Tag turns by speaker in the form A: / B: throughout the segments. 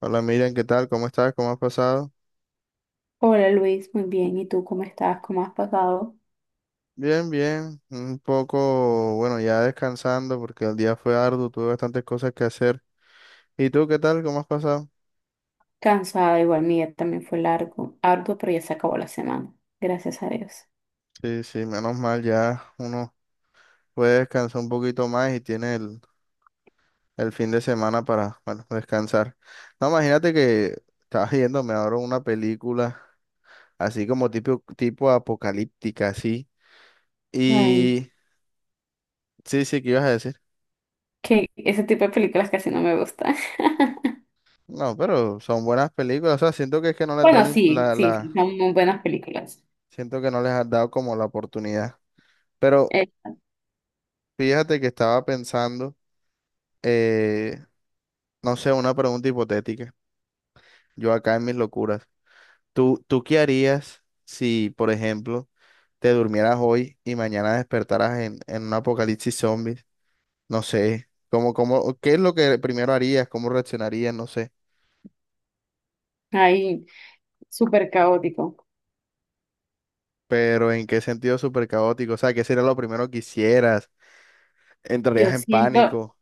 A: Hola Miriam, ¿qué tal? ¿Cómo estás? ¿Cómo has pasado?
B: Hola Luis, muy bien. ¿Y tú cómo estás? ¿Cómo has pasado?
A: Bien, bien. Un poco, bueno, ya descansando porque el día fue arduo, tuve bastantes cosas que hacer. ¿Y tú qué tal? ¿Cómo has pasado?
B: Cansada, igual mi día también fue largo, arduo, pero ya se acabó la semana. Gracias a Dios.
A: Sí, sí, menos mal, ya uno puede descansar un poquito más y tiene el fin de semana para, bueno, descansar. No, imagínate que estaba viéndome ahora una película así como tipo apocalíptica, así.
B: Ay,
A: Y sí, sí, ¿qué ibas a decir?
B: que ese tipo de películas casi no me gustan.
A: No, pero son buenas películas, o sea, siento que es que no les da
B: Bueno,
A: la, im-
B: sí,
A: la,
B: sí,
A: la
B: sí, son muy buenas películas.
A: Siento que no les has dado como la oportunidad. Pero
B: Eh,
A: fíjate que estaba pensando, eh, no sé, una pregunta hipotética. Yo acá en mis locuras. ¿Tú qué harías si, por ejemplo, te durmieras hoy y mañana despertaras en un apocalipsis zombies? No sé, qué es lo que primero harías? ¿Cómo reaccionarías? No sé.
B: ay, súper caótico.
A: Pero ¿en qué sentido súper caótico? O sea, ¿qué sería lo primero que hicieras?
B: Yo
A: ¿Entrarías en
B: siento,
A: pánico?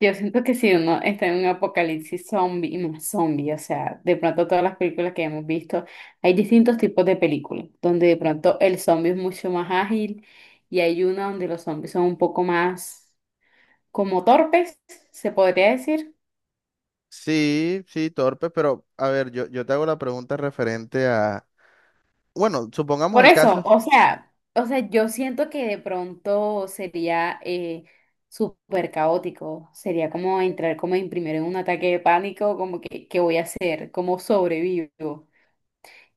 B: Yo siento que si uno está en un apocalipsis zombie y más zombie, o sea, de pronto todas las películas que hemos visto, hay distintos tipos de películas, donde de pronto el zombie es mucho más ágil y hay una donde los zombies son un poco más como torpes, se podría decir.
A: Sí, sí, torpe, pero a ver, yo te hago la pregunta referente a, bueno, supongamos
B: Por
A: el
B: eso,
A: caso.
B: o sea, yo siento que de pronto sería súper caótico, sería como entrar como en primero en un ataque de pánico, como que, ¿qué voy a hacer? ¿Cómo sobrevivo?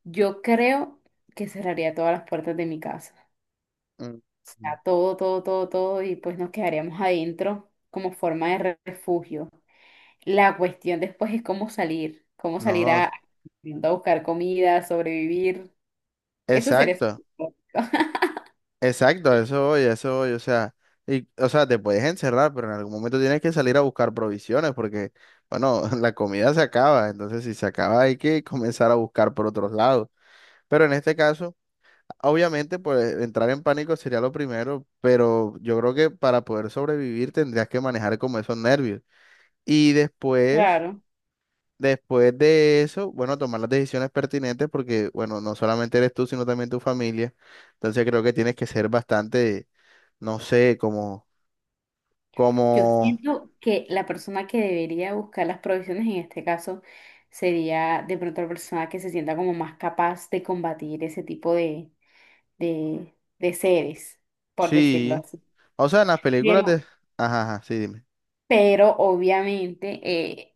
B: Yo creo que cerraría todas las puertas de mi casa.
A: Mm.
B: O sea, todo, todo, todo, todo, y pues nos quedaríamos adentro como forma de refugio. La cuestión después es cómo salir
A: No,
B: a buscar comida, sobrevivir. Eso sería súper
A: exacto,
B: complicado.
A: exacto, a eso voy, o sea, y, o sea, te puedes encerrar, pero en algún momento tienes que salir a buscar provisiones porque, bueno, la comida se acaba, entonces si se acaba hay que comenzar a buscar por otros lados. Pero en este caso, obviamente, pues entrar en pánico sería lo primero, pero yo creo que para poder sobrevivir tendrías que manejar como esos nervios. Y después…
B: Claro.
A: Después de eso, bueno, tomar las decisiones pertinentes porque, bueno, no solamente eres tú, sino también tu familia. Entonces creo que tienes que ser bastante, no sé,
B: Yo
A: como,
B: siento que la persona que debería buscar las provisiones en este caso sería de pronto la persona que se sienta como más capaz de combatir ese tipo de, de seres, por decirlo
A: sí.
B: así.
A: O sea, en las películas de…
B: Pero,
A: Ajá, ajá, sí, dime.
B: pero obviamente eh,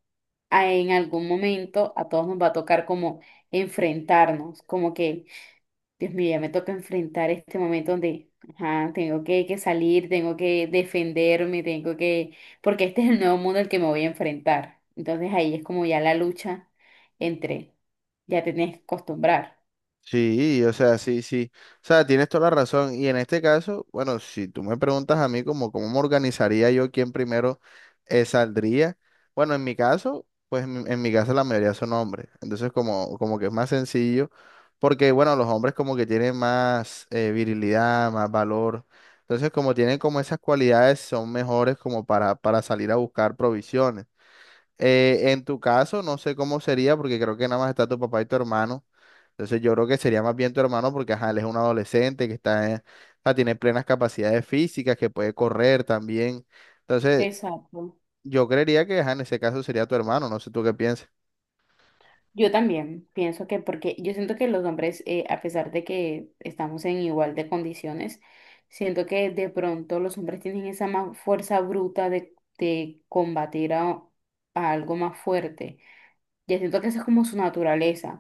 B: en algún momento a todos nos va a tocar como enfrentarnos, como que, Dios mío, ya me toca enfrentar este momento donde, ajá, tengo que salir, tengo que defenderme, tengo que, porque este es el nuevo mundo al que me voy a enfrentar. Entonces ahí es como ya la lucha entre, ya te tienes que acostumbrar.
A: Sí, o sea, sí, sí. O sea, tienes toda la razón. Y en este caso, bueno, si tú me preguntas a mí como cómo me organizaría yo quién primero saldría, bueno, en mi caso, pues en mi caso la mayoría son hombres. Entonces, como, como que es más sencillo, porque bueno, los hombres como que tienen más virilidad, más valor. Entonces, como tienen como esas cualidades, son mejores como para salir a buscar provisiones. En tu caso, no sé cómo sería, porque creo que nada más está tu papá y tu hermano. Entonces yo creo que sería más bien tu hermano, porque ajá, él es un adolescente que está, en- o sea, tiene plenas capacidades físicas, que puede correr también. Entonces,
B: Exacto.
A: yo creería que ajá, en ese caso sería tu hermano, no sé tú qué piensas.
B: Yo también pienso que, porque yo siento que los hombres, a pesar de que estamos en igual de condiciones, siento que de pronto los hombres tienen esa más fuerza bruta de combatir a algo más fuerte. Ya siento que esa es como su naturaleza,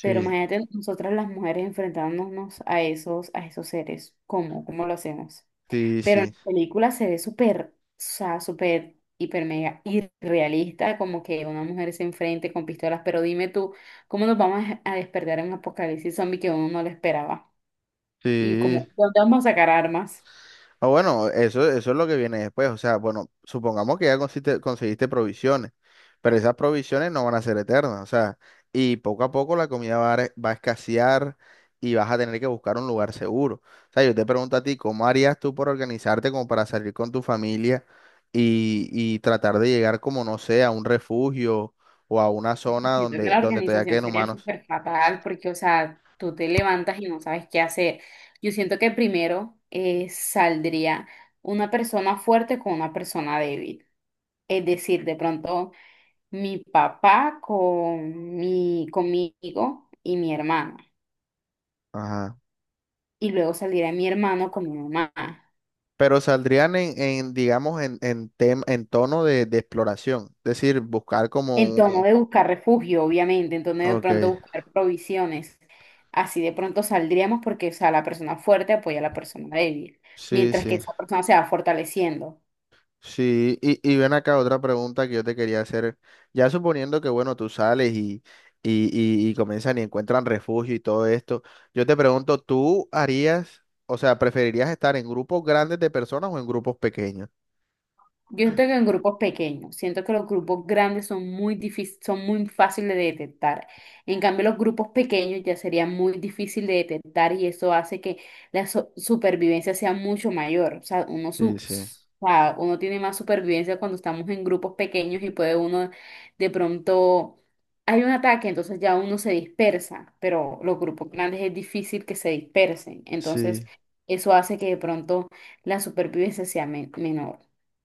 B: pero imagínate nosotras las mujeres enfrentándonos a esos seres, ¿cómo? ¿Cómo lo hacemos?
A: Sí,
B: Pero en
A: sí,
B: la película se ve súper, o sea, súper, hiper, mega irrealista, como que una mujer se enfrente con pistolas. Pero dime tú, ¿cómo nos vamos a despertar en un apocalipsis zombie que uno no lo esperaba? Y
A: sí.
B: como, ¿dónde vamos a sacar armas?
A: Ah, bueno, eso es lo que viene después. O sea, bueno, supongamos que ya consiste- conseguiste provisiones, pero esas provisiones no van a ser eternas. O sea, y poco a poco la comida va a, re- va a escasear y vas a tener que buscar un lugar seguro. O sea, yo te pregunto a ti, ¿cómo harías tú por organizarte como para salir con tu familia y tratar de llegar como, no sé, a un refugio o a una zona
B: Siento que
A: donde,
B: la
A: donde todavía
B: organización
A: queden
B: sería
A: humanos?
B: súper fatal porque, o sea, tú te levantas y no sabes qué hacer. Yo siento que primero saldría una persona fuerte con una persona débil. Es decir, de pronto mi papá con mi, conmigo y mi hermana.
A: Ajá.
B: Y luego saldría mi hermano con mi mamá.
A: Pero saldrían en, digamos, en, tem- en tono de exploración. Es decir, buscar como
B: En tono
A: un…
B: de buscar refugio, obviamente, en tono de
A: Ok,
B: pronto buscar provisiones. Así de pronto saldríamos porque, o sea, la persona fuerte apoya a la persona débil,
A: sí,
B: mientras que
A: sí.
B: esa persona se va fortaleciendo.
A: Sí, y ven acá otra pregunta que yo te quería hacer. Ya suponiendo que, bueno, tú sales y, y comienzan y encuentran refugio y todo esto, yo te pregunto, ¿tú harías, o sea, preferirías estar en grupos grandes de personas o en grupos pequeños?
B: Yo siento que en grupos pequeños, siento que los grupos grandes son muy difícil, son muy fáciles de detectar. En cambio, los grupos pequeños ya sería muy difícil de detectar y eso hace que la supervivencia sea mucho mayor. O sea,
A: Sí, sí,
B: o sea, uno tiene más supervivencia cuando estamos en grupos pequeños y puede uno de pronto hay un ataque, entonces ya uno se dispersa, pero los grupos grandes es difícil que se dispersen. Entonces,
A: sí.
B: eso hace que de pronto la supervivencia sea menor.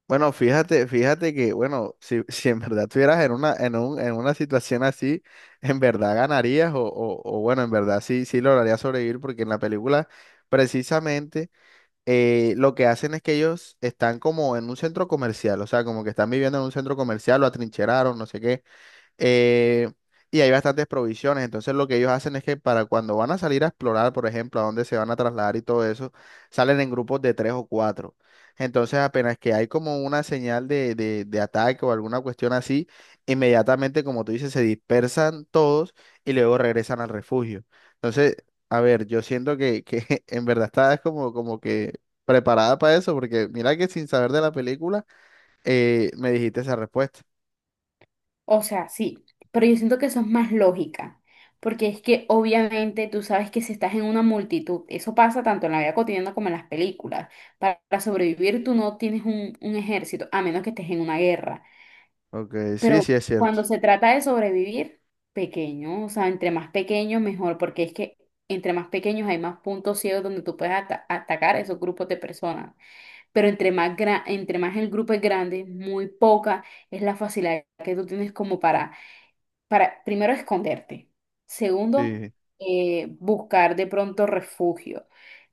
A: Bueno, fíjate, fíjate que, bueno, si, si en verdad estuvieras en una, en un, en una situación así, en verdad ganarías o bueno, en verdad sí, sí lograrías sobrevivir porque en la película precisamente lo que hacen es que ellos están como en un centro comercial, o sea, como que están viviendo en un centro comercial, lo atrincheraron, no sé qué, eh, y hay bastantes provisiones. Entonces lo que ellos hacen es que para cuando van a salir a explorar, por ejemplo, a dónde se van a trasladar y todo eso, salen en grupos de tres o cuatro. Entonces apenas que hay como una señal de ataque o alguna cuestión así, inmediatamente, como tú dices, se dispersan todos y luego regresan al refugio. Entonces, a ver, yo siento que en verdad estás como, como que preparada para eso, porque mira que sin saber de la película, me dijiste esa respuesta.
B: O sea, sí, pero yo siento que eso es más lógica, porque es que obviamente tú sabes que si estás en una multitud, eso pasa tanto en la vida cotidiana como en las películas. Para sobrevivir tú no tienes un ejército, a menos que estés en una guerra.
A: Ok, sí,
B: Pero
A: sí es cierto.
B: cuando se trata de sobrevivir, pequeño, o sea, entre más pequeños mejor, porque es que entre más pequeños hay más puntos ciegos donde tú puedes atacar a esos grupos de personas. Pero entre más, entre más el grupo es grande, muy poca es la facilidad que tú tienes como para, primero, esconderte. Segundo,
A: Sí,
B: buscar de pronto refugio.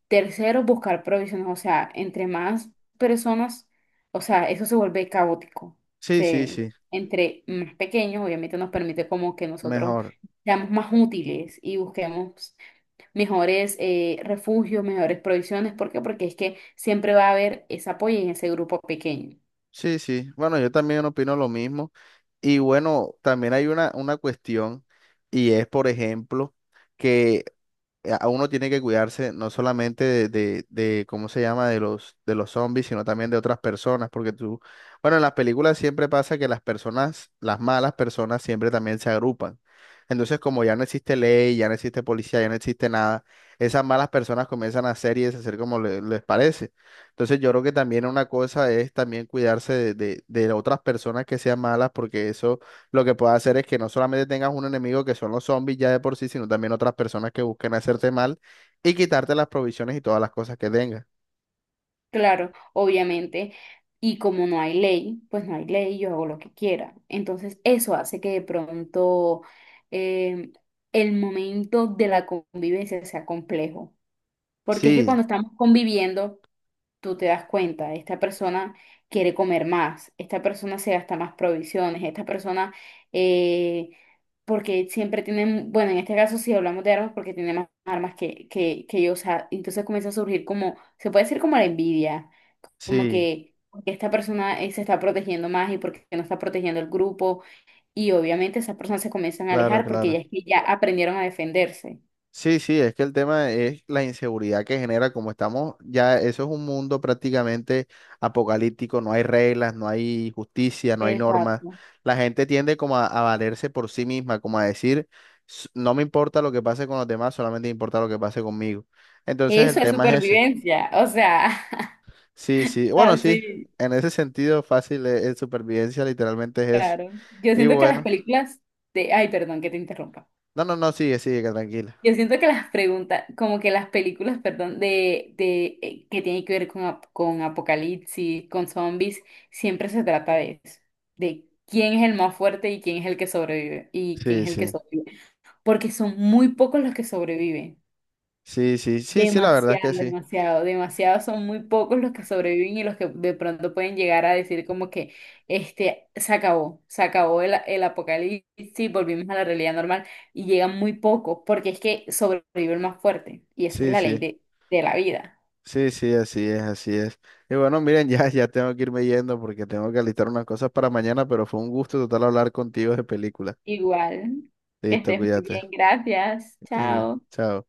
B: Tercero, buscar provisiones. O sea, entre más personas, o sea, eso se vuelve caótico.
A: sí, sí,
B: Se,
A: sí,
B: entre más pequeños, obviamente nos permite como que nosotros
A: mejor.
B: seamos más útiles y busquemos mejores refugios, mejores provisiones. ¿Por qué? Porque es que siempre va a haber ese apoyo en ese grupo pequeño.
A: Sí, sí. Bueno, yo también opino lo mismo. Y bueno, también hay una cuestión y es, por ejemplo, que a uno tiene que cuidarse no solamente de, ¿cómo se llama? De los zombies, sino también de otras personas, porque tú, bueno, en las películas siempre pasa que las personas, las malas personas siempre también se agrupan. Entonces, como ya no existe ley, ya no existe policía, ya no existe nada, esas malas personas comienzan a hacer y deshacer como le- les parece. Entonces, yo creo que también una cosa es también cuidarse de otras personas que sean malas, porque eso lo que puedes hacer es que no solamente tengas un enemigo que son los zombies ya de por sí, sino también otras personas que busquen hacerte mal y quitarte las provisiones y todas las cosas que tengas.
B: Claro, obviamente. Y como no hay ley, pues no hay ley, yo hago lo que quiera. Entonces, eso hace que de pronto em, el momento de la convivencia sea complejo. Porque es que
A: Sí,
B: cuando estamos conviviendo, tú te das cuenta, esta persona quiere comer más, esta persona se gasta más provisiones, esta persona, eh, porque siempre tienen, bueno, en este caso si hablamos de armas, porque tiene más armas que, que yo, o sea, entonces comienza a surgir como, se puede decir como la envidia como
A: sí,
B: que porque esta persona se está protegiendo más y porque no está protegiendo el grupo y obviamente esas personas se comienzan a
A: claro,
B: alejar porque ya
A: claro.
B: es que ya aprendieron a defenderse.
A: Sí, sí, es que el tema es la inseguridad que genera, como estamos ya, eso es un mundo prácticamente apocalíptico, no hay reglas, no hay justicia, no hay normas.
B: Exacto.
A: La gente tiende como a valerse por sí misma, como a decir, "S- no me importa lo que pase con los demás, solamente me importa lo que pase conmigo. Entonces el
B: Eso es
A: tema es ese.
B: supervivencia, o sea,
A: Sí, sí, bueno, sí,
B: así,
A: en ese sentido fácil es supervivencia, literalmente es eso.
B: claro. Yo
A: Y
B: siento que las
A: bueno,
B: películas de... Ay, perdón, que te interrumpa.
A: no, no, no, sigue, sigue, que tranquila.
B: Yo siento que las preguntas, como que las películas, perdón, de, que tienen que ver con, con apocalipsis, con zombies, siempre se trata de eso, de quién es el más fuerte y quién es el que sobrevive, y quién
A: Sí,
B: es el que
A: sí,
B: sobrevive, porque son muy pocos los que sobreviven.
A: sí, sí, sí, sí, la verdad es que
B: Demasiado,
A: sí,
B: demasiado, demasiado. Son muy pocos los que sobreviven y los que de pronto pueden llegar a decir como que este se acabó el apocalipsis, volvimos a la realidad normal y llegan muy pocos porque es que sobrevive el más fuerte y esa es
A: sí,
B: la ley
A: sí,
B: de la vida.
A: sí, sí, así es, así es. Y bueno, miren, ya, ya tengo que irme yendo porque tengo que alistar unas cosas para mañana, pero fue un gusto total hablar contigo de película.
B: Igual, que
A: Listo,
B: estés muy
A: cuídate.
B: bien, gracias,
A: Y
B: chao.
A: chao.